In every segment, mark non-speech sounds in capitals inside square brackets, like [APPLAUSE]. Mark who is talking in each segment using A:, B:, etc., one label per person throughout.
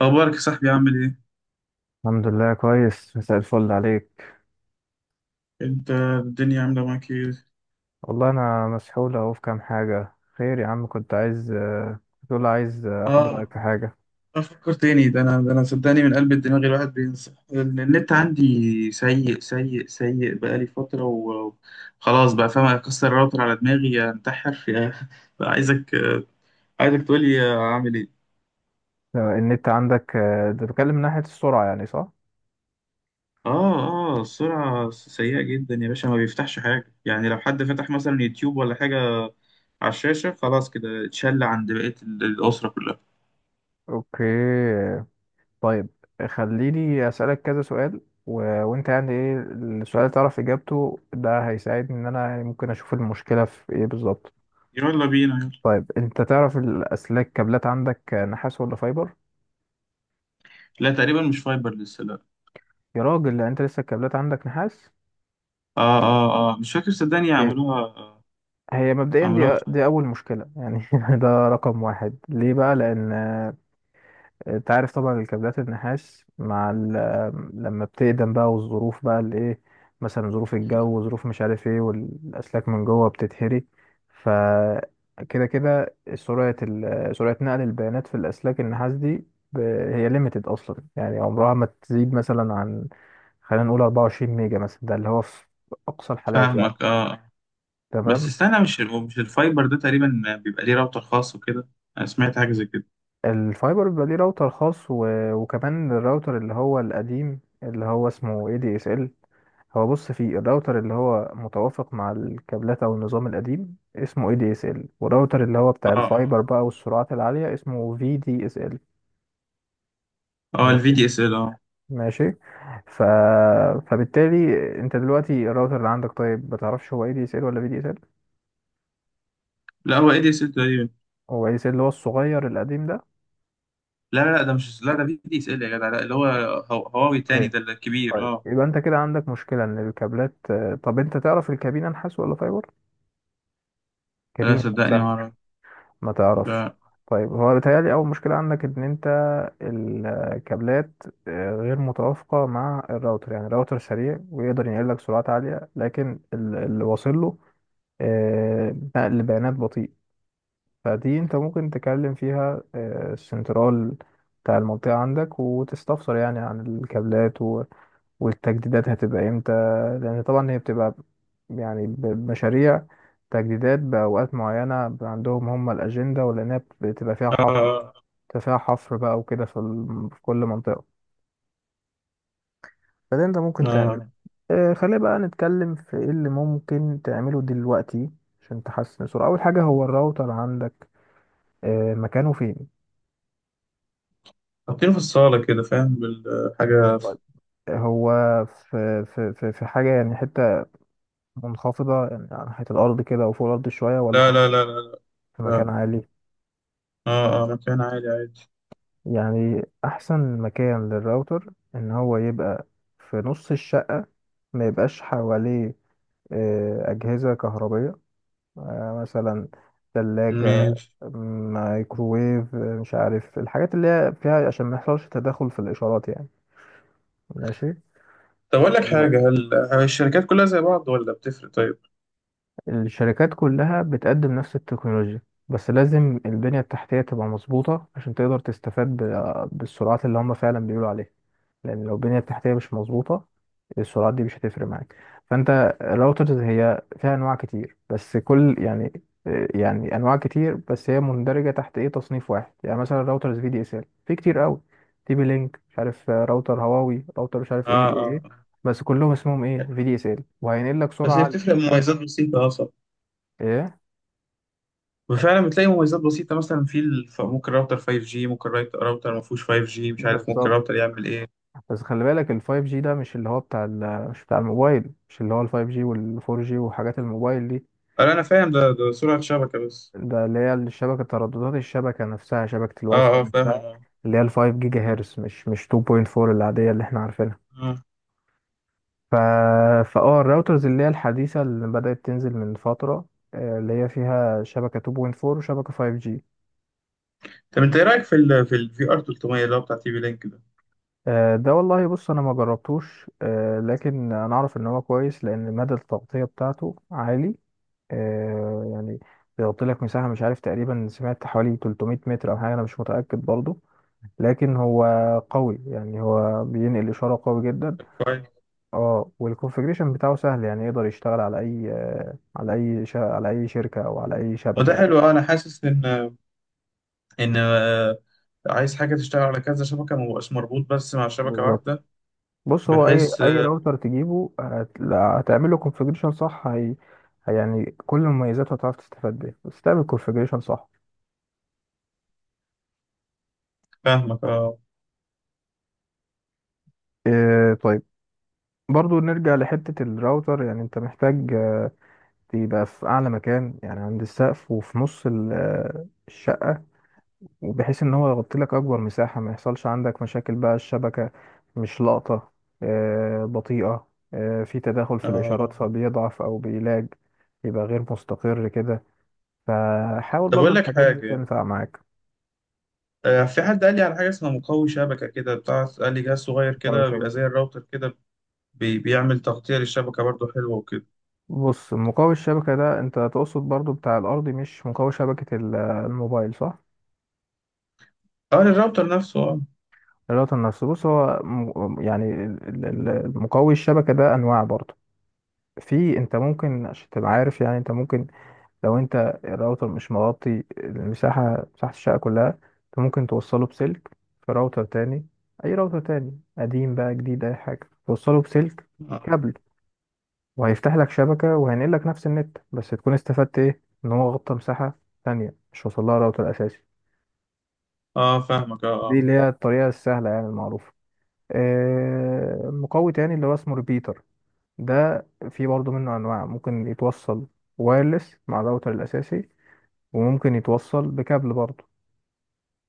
A: اخبارك يا صاحبي، عامل ايه؟
B: الحمد لله كويس، مساء الفل عليك.
A: انت الدنيا عامله معاك ايه؟
B: والله انا مسحول اهو في كام حاجه. خير يا عم، كنت تقول عايز اخد رايك
A: اه.
B: في حاجه.
A: افكر تاني، ده انا صدقني، من قلب الدماغ الواحد بينسى. النت عندي سيء سيء سيء، بقالي فتره وخلاص، بقى فاهم اكسر الراوتر على دماغي انتحر [LAUGHS] يا. بقى عايزك تقولي اعمل ايه.
B: النت عندك ده بتكلم من ناحيه السرعه، يعني صح؟
A: اه. اه، السرعه سيئه جدا يا باشا، ما بيفتحش حاجه. يعني لو حد فتح مثلا يوتيوب ولا حاجه على الشاشه خلاص كده اتشل عند بقيه الاسره كلها.
B: اوكي. طيب. خليني اسالك كذا سؤال. و... وانت يعني ايه السؤال اللي تعرف اجابته؟ ده هيساعدني ان انا يعني ممكن اشوف المشكله في ايه بالظبط.
A: يلا بينا، يلا.
B: طيب انت تعرف الاسلاك، كابلات عندك نحاس ولا فايبر؟
A: لا، تقريبا مش فايبر لسه، لا.
B: يا راجل، لا انت لسه الكابلات عندك نحاس.
A: اه اه اه، مش فاكر صدقني، عملوها آه،
B: هي مبدئيا
A: عملوها
B: دي
A: في-
B: دي اول مشكله، يعني [LAUGHS] ده رقم واحد. ليه بقى؟ لان انت عارف طبعا الكابلات النحاس مع لما بتقدم بقى والظروف بقى الايه، مثلا ظروف الجو وظروف مش عارف ايه، والاسلاك من جوه بتتهري. ف كده سرعه سرعه نقل البيانات في الاسلاك النحاس دي ب- هي ليميتد اصلا، يعني عمرها ما تزيد مثلا عن، خلينا نقول 24 ميجا مثلا، ده اللي هو في اقصى الحالات يعني.
A: فاهمك، اه. بس
B: تمام.
A: استنى، مش هو مش الفايبر ده تقريبا بيبقى ليه راوتر خاص وكده؟ انا سمعت حاجه زي كده.
B: الفايبر بيبقى ليه راوتر خاص وكمان الراوتر اللي هو القديم اللي هو اسمه اي دي اس ال. هو بص، فيه الراوتر اللي هو متوافق مع الكابلات او النظام القديم اسمه اي دي اس ال، والراوتر اللي هو بتاع
A: اه
B: الفايبر
A: اه
B: بقى والسرعات العالية اسمه في دي اس ال.
A: اه، الفي
B: ماشي.
A: دي اس ال، اه.
B: ماشي. ف... فبالتالي انت دلوقتي الراوتر اللي عندك، طيب ما تعرفش هو اي دي اس ال ولا في دي اس ال؟
A: لا، هو اي دي اس ال تقريبا.
B: هو اي دي اس ال اللي هو الصغير القديم ده.
A: لا لا لا، ده مش، لا، ده في دي اس ال يا جدع، لا اللي هو هواوي
B: اوكي
A: تاني ده الكبير،
B: طيب،
A: اه.
B: يبقى انت كده عندك مشكلة ان الكابلات. طب انت تعرف الكابينة نحاس ولا فايبر؟
A: لا،
B: كابينة
A: صدقني ما
B: نفسها؟
A: اعرف.
B: ما تعرفش.
A: لا.
B: طيب، هو بيتهيألي أول مشكلة عندك إن أنت الكابلات غير متوافقة مع الراوتر، يعني الراوتر سريع ويقدر ينقل لك سرعات عالية، لكن اللي واصل له نقل بيانات بطيء. فدي أنت ممكن تكلم فيها السنترال بتاع المنطقة عندك وتستفسر يعني عن الكابلات، والتجديدات هتبقى امتى، لان طبعا هي بتبقى يعني بمشاريع تجديدات بأوقات معينة عندهم هم الأجندة، ولأنها بتبقى فيها حفر،
A: اه
B: بتبقى فيها حفر بقى وكده في, في كل منطقة. فده انت ممكن
A: اه
B: تعمل.
A: آه.
B: خلينا بقى نتكلم في ايه اللي ممكن تعمله دلوقتي عشان تحسن السرعة. أول حاجة هو الراوتر عندك مكانه فين؟
A: حاطينه في الصاله كده، فاهم بالحاجه.
B: طيب. هو في حاجة يعني، حتة منخفضة يعني على ناحية الأرض كده، أو فوق الأرض شوية، ولا
A: لا لا
B: حطيته
A: لا لا لا.
B: في
A: لا.
B: مكان عالي؟
A: اه اه، مكان عالي عادي.
B: يعني احسن مكان للراوتر ان هو يبقى في نص الشقة، ما يبقاش حواليه اجهزة كهربية، مثلا ثلاجة،
A: ماشي.
B: مايكروويف، مش عارف الحاجات اللي هي فيها، عشان ما يحصلش تداخل في الاشارات يعني. ماشي.
A: طب أقول لك حاجة، هل الشركات كلها زي بعض ولا بتفرق، طيب؟
B: الشركات كلها بتقدم نفس التكنولوجيا، بس لازم البنية التحتية تبقى مظبوطة عشان تقدر تستفاد بالسرعات اللي هم فعلا بيقولوا عليها. لان لو البنيه التحتيه مش مظبوطه، السرعات دي مش هتفرق معاك. فانت الراوترز هي فيها انواع كتير بس كل يعني، يعني انواع كتير بس هي مندرجه تحت ايه تصنيف واحد، يعني مثلا راوترز في دي اس ال في كتير قوي. تي بي لينك مش عارف، راوتر هواوي، راوتر مش عارف
A: آه
B: ايه ايه
A: آه.
B: ايه. بس كلهم اسمهم ايه في دي اس ال وهينقل لك
A: بس
B: سرعه
A: هي
B: عاليه.
A: بتفرق مميزات بسيطة أصلا.
B: ايه
A: وفعلا بتلاقي مميزات بسيطة، مثلا في الف... ممكن راوتر 5G، ممكن راوتر ما فيهوش 5G، مش عارف ممكن
B: بالظبط.
A: راوتر يعمل إيه.
B: بس خلي بالك ال 5G ده مش اللي هو بتاع ال، مش بتاع الموبايل، مش اللي هو ال 5G وال 4G وحاجات الموبايل دي.
A: أنا فاهم، ده سرعة شبكة بس.
B: ده اللي هي الشبكة، ترددات الشبكة نفسها، شبكة الواي فاي
A: آه آه، فاهم،
B: نفسها،
A: آه
B: اللي هي الفايف جيجا هرتز، مش 2.4 العادية اللي احنا عارفينها.
A: آه.
B: ف... فاه الراوترز اللي هي الحديثة اللي بدأت تنزل من فترة، اللي هي فيها شبكة 2.4 وشبكة 5G.
A: طب أنت إيه رأيك في ال VR 300 اللي هو بتاع تي في لينك ده؟
B: ده والله بص انا ما جربتوش، لكن انا اعرف ان هو كويس لان مدى التغطية بتاعته عالي. يعني بيغطي لك مساحة مش عارف، تقريبا سمعت حوالي 300 متر او حاجة، انا مش متأكد برضو. لكن هو قوي يعني، هو بينقل إشارة قوي جدا.
A: كويس.
B: اه، والكونفجريشن بتاعه سهل يعني، يقدر يشتغل على أي، على على أي شركة أو على أي
A: ما
B: شبكة
A: ده
B: يعني.
A: حلو. أنا حاسس إن عايز حاجة تشتغل على كذا شبكة، ما بقاش مربوط بس مع شبكة
B: بالظبط.
A: واحدة.
B: بص هو أي
A: بحيث
B: أي
A: آه،
B: راوتر تجيبه هتعمل له كونفجريشن صح. يعني كل مميزاته هتعرف تستفاد بيها بس تعمل كونفجريشن صح.
A: فاهمك آه
B: إيه طيب. برضو نرجع لحتة الراوتر، يعني أنت محتاج تبقى في أعلى مكان يعني عند السقف، وفي نص الشقة، وبحيث ان هو يغطي لك اكبر مساحة، ما يحصلش عندك مشاكل بقى الشبكة مش لاقطة، بطيئة، في تداخل في
A: آه
B: الاشارات
A: آه.
B: فبيضعف او بيلاج، يبقى غير مستقر كده. فحاول
A: طب
B: برضو
A: أقول لك
B: الحاجات دي
A: حاجة،
B: تنفع معاك.
A: في حد قال لي على حاجة اسمها مقوي شبكة كده، بتاع قال لي جهاز صغير
B: مقاوي
A: كده بيبقى
B: شبكة؟
A: زي الراوتر كده، بيعمل تغطية للشبكة برضه حلوة وكده.
B: بص، مقاوي الشبكة ده انت تقصد برضو بتاع الارضي مش مقاوي شبكة الموبايل، صح؟
A: اه، للراوتر نفسه، اه.
B: الراوتر نفسه، بص هو يعني مقاوي الشبكة ده انواع برضو. في، انت ممكن عشان تبقى عارف يعني، انت ممكن، لو انت الراوتر مش مغطي المساحة مساحة الشقة كلها، انت ممكن توصله بسلك في راوتر تاني، اي راوتر تاني قديم بقى جديد اي حاجة، توصله بسلك
A: اه
B: كابل، وهيفتح لك شبكة وهينقل لك نفس النت، بس تكون استفدت ايه ان هو غطى مساحة تانية مش وصل لها راوتر اساسي.
A: آه، فاهمك اه
B: دي
A: اه
B: اللي هي الطريقة السهلة يعني المعروفة. مقوي تاني اللي هو اسمه ريبيتر، ده في برضه منه انواع، ممكن يتوصل وايرلس مع الراوتر الاساسي، وممكن يتوصل بكابل برضه.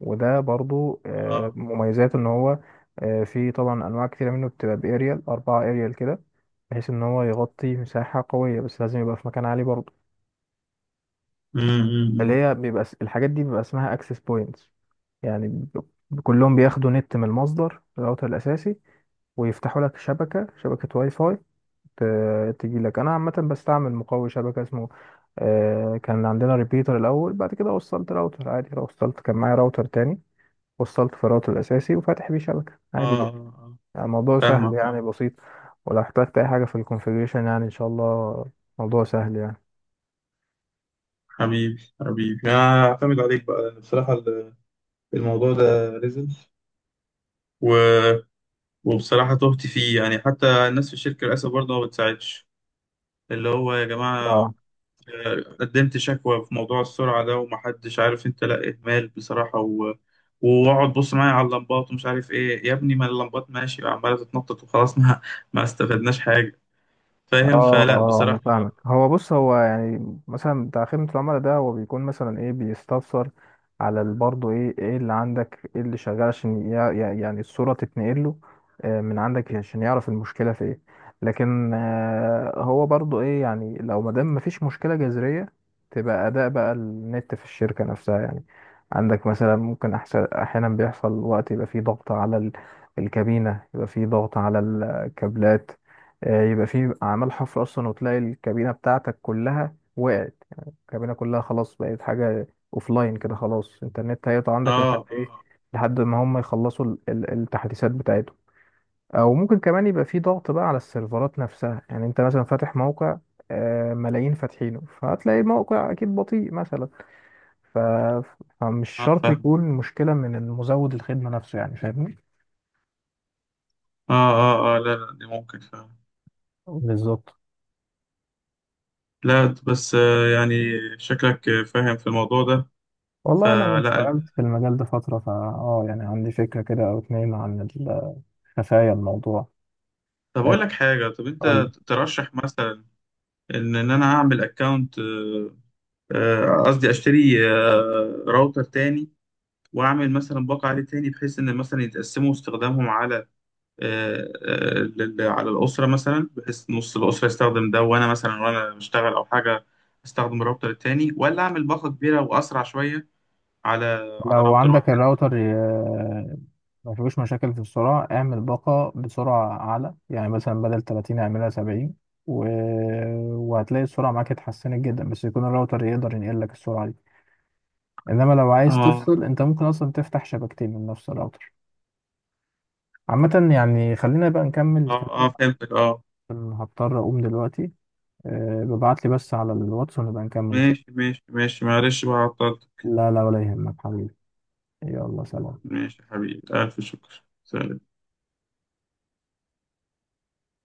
B: وده برضو
A: اه.
B: مميزاته ان هو في طبعا انواع كتيرة منه، بتبقى باريال اربعة اريال كده، بحيث ان هو يغطي مساحة قوية، بس لازم يبقى في مكان عالي برضو.
A: أمم، أمم،
B: اللي
A: أمم.
B: هي بيبقى الحاجات دي بيبقى اسمها اكسس بوينتس، يعني كلهم بياخدوا نت من المصدر الراوتر الاساسي، ويفتحوا لك شبكة، شبكة واي فاي تجي لك. انا عامة بستعمل مقوي شبكة اسمه كان عندنا ريبيتر الاول، بعد كده وصلت راوتر عادي، وصلت كان معايا راوتر تاني وصلت فراغته الأساسي وفاتح بيه شبكة
A: اه
B: عادي
A: آه،
B: جدا.
A: آه. آه.
B: يعني الموضوع سهل
A: فاهمك
B: يعني
A: اه.
B: بسيط. ولو احتجت أي حاجة في الكونفيجريشن يعني إن شاء الله موضوع سهل يعني.
A: حبيبي حبيبي، انا اعتمد عليك بقى لأن بصراحة الموضوع ده نزل، و... وبصراحة تهت فيه، يعني حتى الناس في الشركة للأسف برضه ما بتساعدش. اللي هو يا جماعة
B: اه،
A: قدمت شكوى في موضوع السرعة ده ومحدش عارف انت، لا اهمال بصراحة، واقعد بص معايا على اللمبات ومش عارف ايه يا ابني، ما اللمبات ماشي عمالة تتنطط وخلاص [LAUGHS] ما استفدناش حاجة. فاهم،
B: اه
A: فلا
B: اه انا
A: بصراحة.
B: فاهمك. هو بص، هو يعني مثلا بتاع خدمة العملاء ده، هو بيكون مثلا ايه، بيستفسر على برضه ايه، ايه اللي عندك، ايه اللي شغال، عشان يعني الصورة تتنقل له من عندك عشان يعرف المشكلة في ايه. لكن هو برضه ايه، يعني لو ما دام مفيش مشكلة جذرية تبقى اداء بقى النت في الشركة نفسها يعني عندك، مثلا ممكن أحسن، احيانا بيحصل وقت يبقى فيه ضغط على الكابينة، يبقى فيه ضغط على الكابلات. يبقى في اعمال حفر اصلا، وتلاقي الكابينه بتاعتك كلها وقعت يعني، الكابينه كلها خلاص بقت حاجه لاين كده خلاص. الانترنت هيقطع عندك
A: اه
B: لحد ايه؟
A: اه
B: لحد ما هم يخلصوا التحديثات بتاعتهم. او ممكن كمان يبقى في ضغط بقى على السيرفرات نفسها، يعني انت مثلا فاتح موقع ملايين فاتحينه، فهتلاقي الموقع اكيد بطيء مثلا. ف... فمش
A: اه،
B: شرط
A: فاهم،
B: يكون مشكله من المزود الخدمه نفسه، يعني فاهمني.
A: اه. اه اه، لا لا، دي ممكن، فاهم.
B: بالظبط.
A: لا بس، يعني شكلك فاهم في الموضوع ده.
B: والله أنا
A: فلا.
B: اشتغلت في المجال ده فترة، فا يعني عندي فكرة كده أو اتنين عن خفايا الموضوع.
A: طب اقول
B: آه،
A: لك حاجة، طب انت
B: قول لي.
A: ترشح مثلا ان انا اعمل اكونت، قصدي اشتري راوتر تاني، واعمل مثلا باقة عليه تاني، بحيث ان مثلا يتقسموا استخدامهم على على الاسره مثلا، بحيث نص الاسره يستخدم ده وانا مثلا وانا بشتغل او حاجه استخدم الراوتر التاني، ولا اعمل باقة كبيره واسرع شويه على
B: لو
A: راوتر
B: عندك
A: واحد.
B: الراوتر ما فيهوش مشاكل في السرعة، اعمل باقة بسرعة أعلى، يعني مثلا بدل 30 اعملها 70. و... وهتلاقي السرعة معاك اتحسنت جدا، بس يكون الراوتر يقدر ينقل لك السرعة دي. إنما لو عايز
A: اه
B: تفصل، أنت ممكن أصلا تفتح شبكتين من نفس الراوتر. عامة يعني، خلينا بقى نكمل
A: اه اه،
B: كلامنا
A: فهمتك، اه.
B: عشان هضطر أقوم دلوقتي. ببعت لي بس على الواتس ونبقى نكمل ان شاء
A: ماشي ماشي ماشي، معلش بقى عطلت.
B: الله. لا لا ولا يهمك حبيبي. يلا سلام.
A: ماشي يا حبيبي، الف شكر، سلام.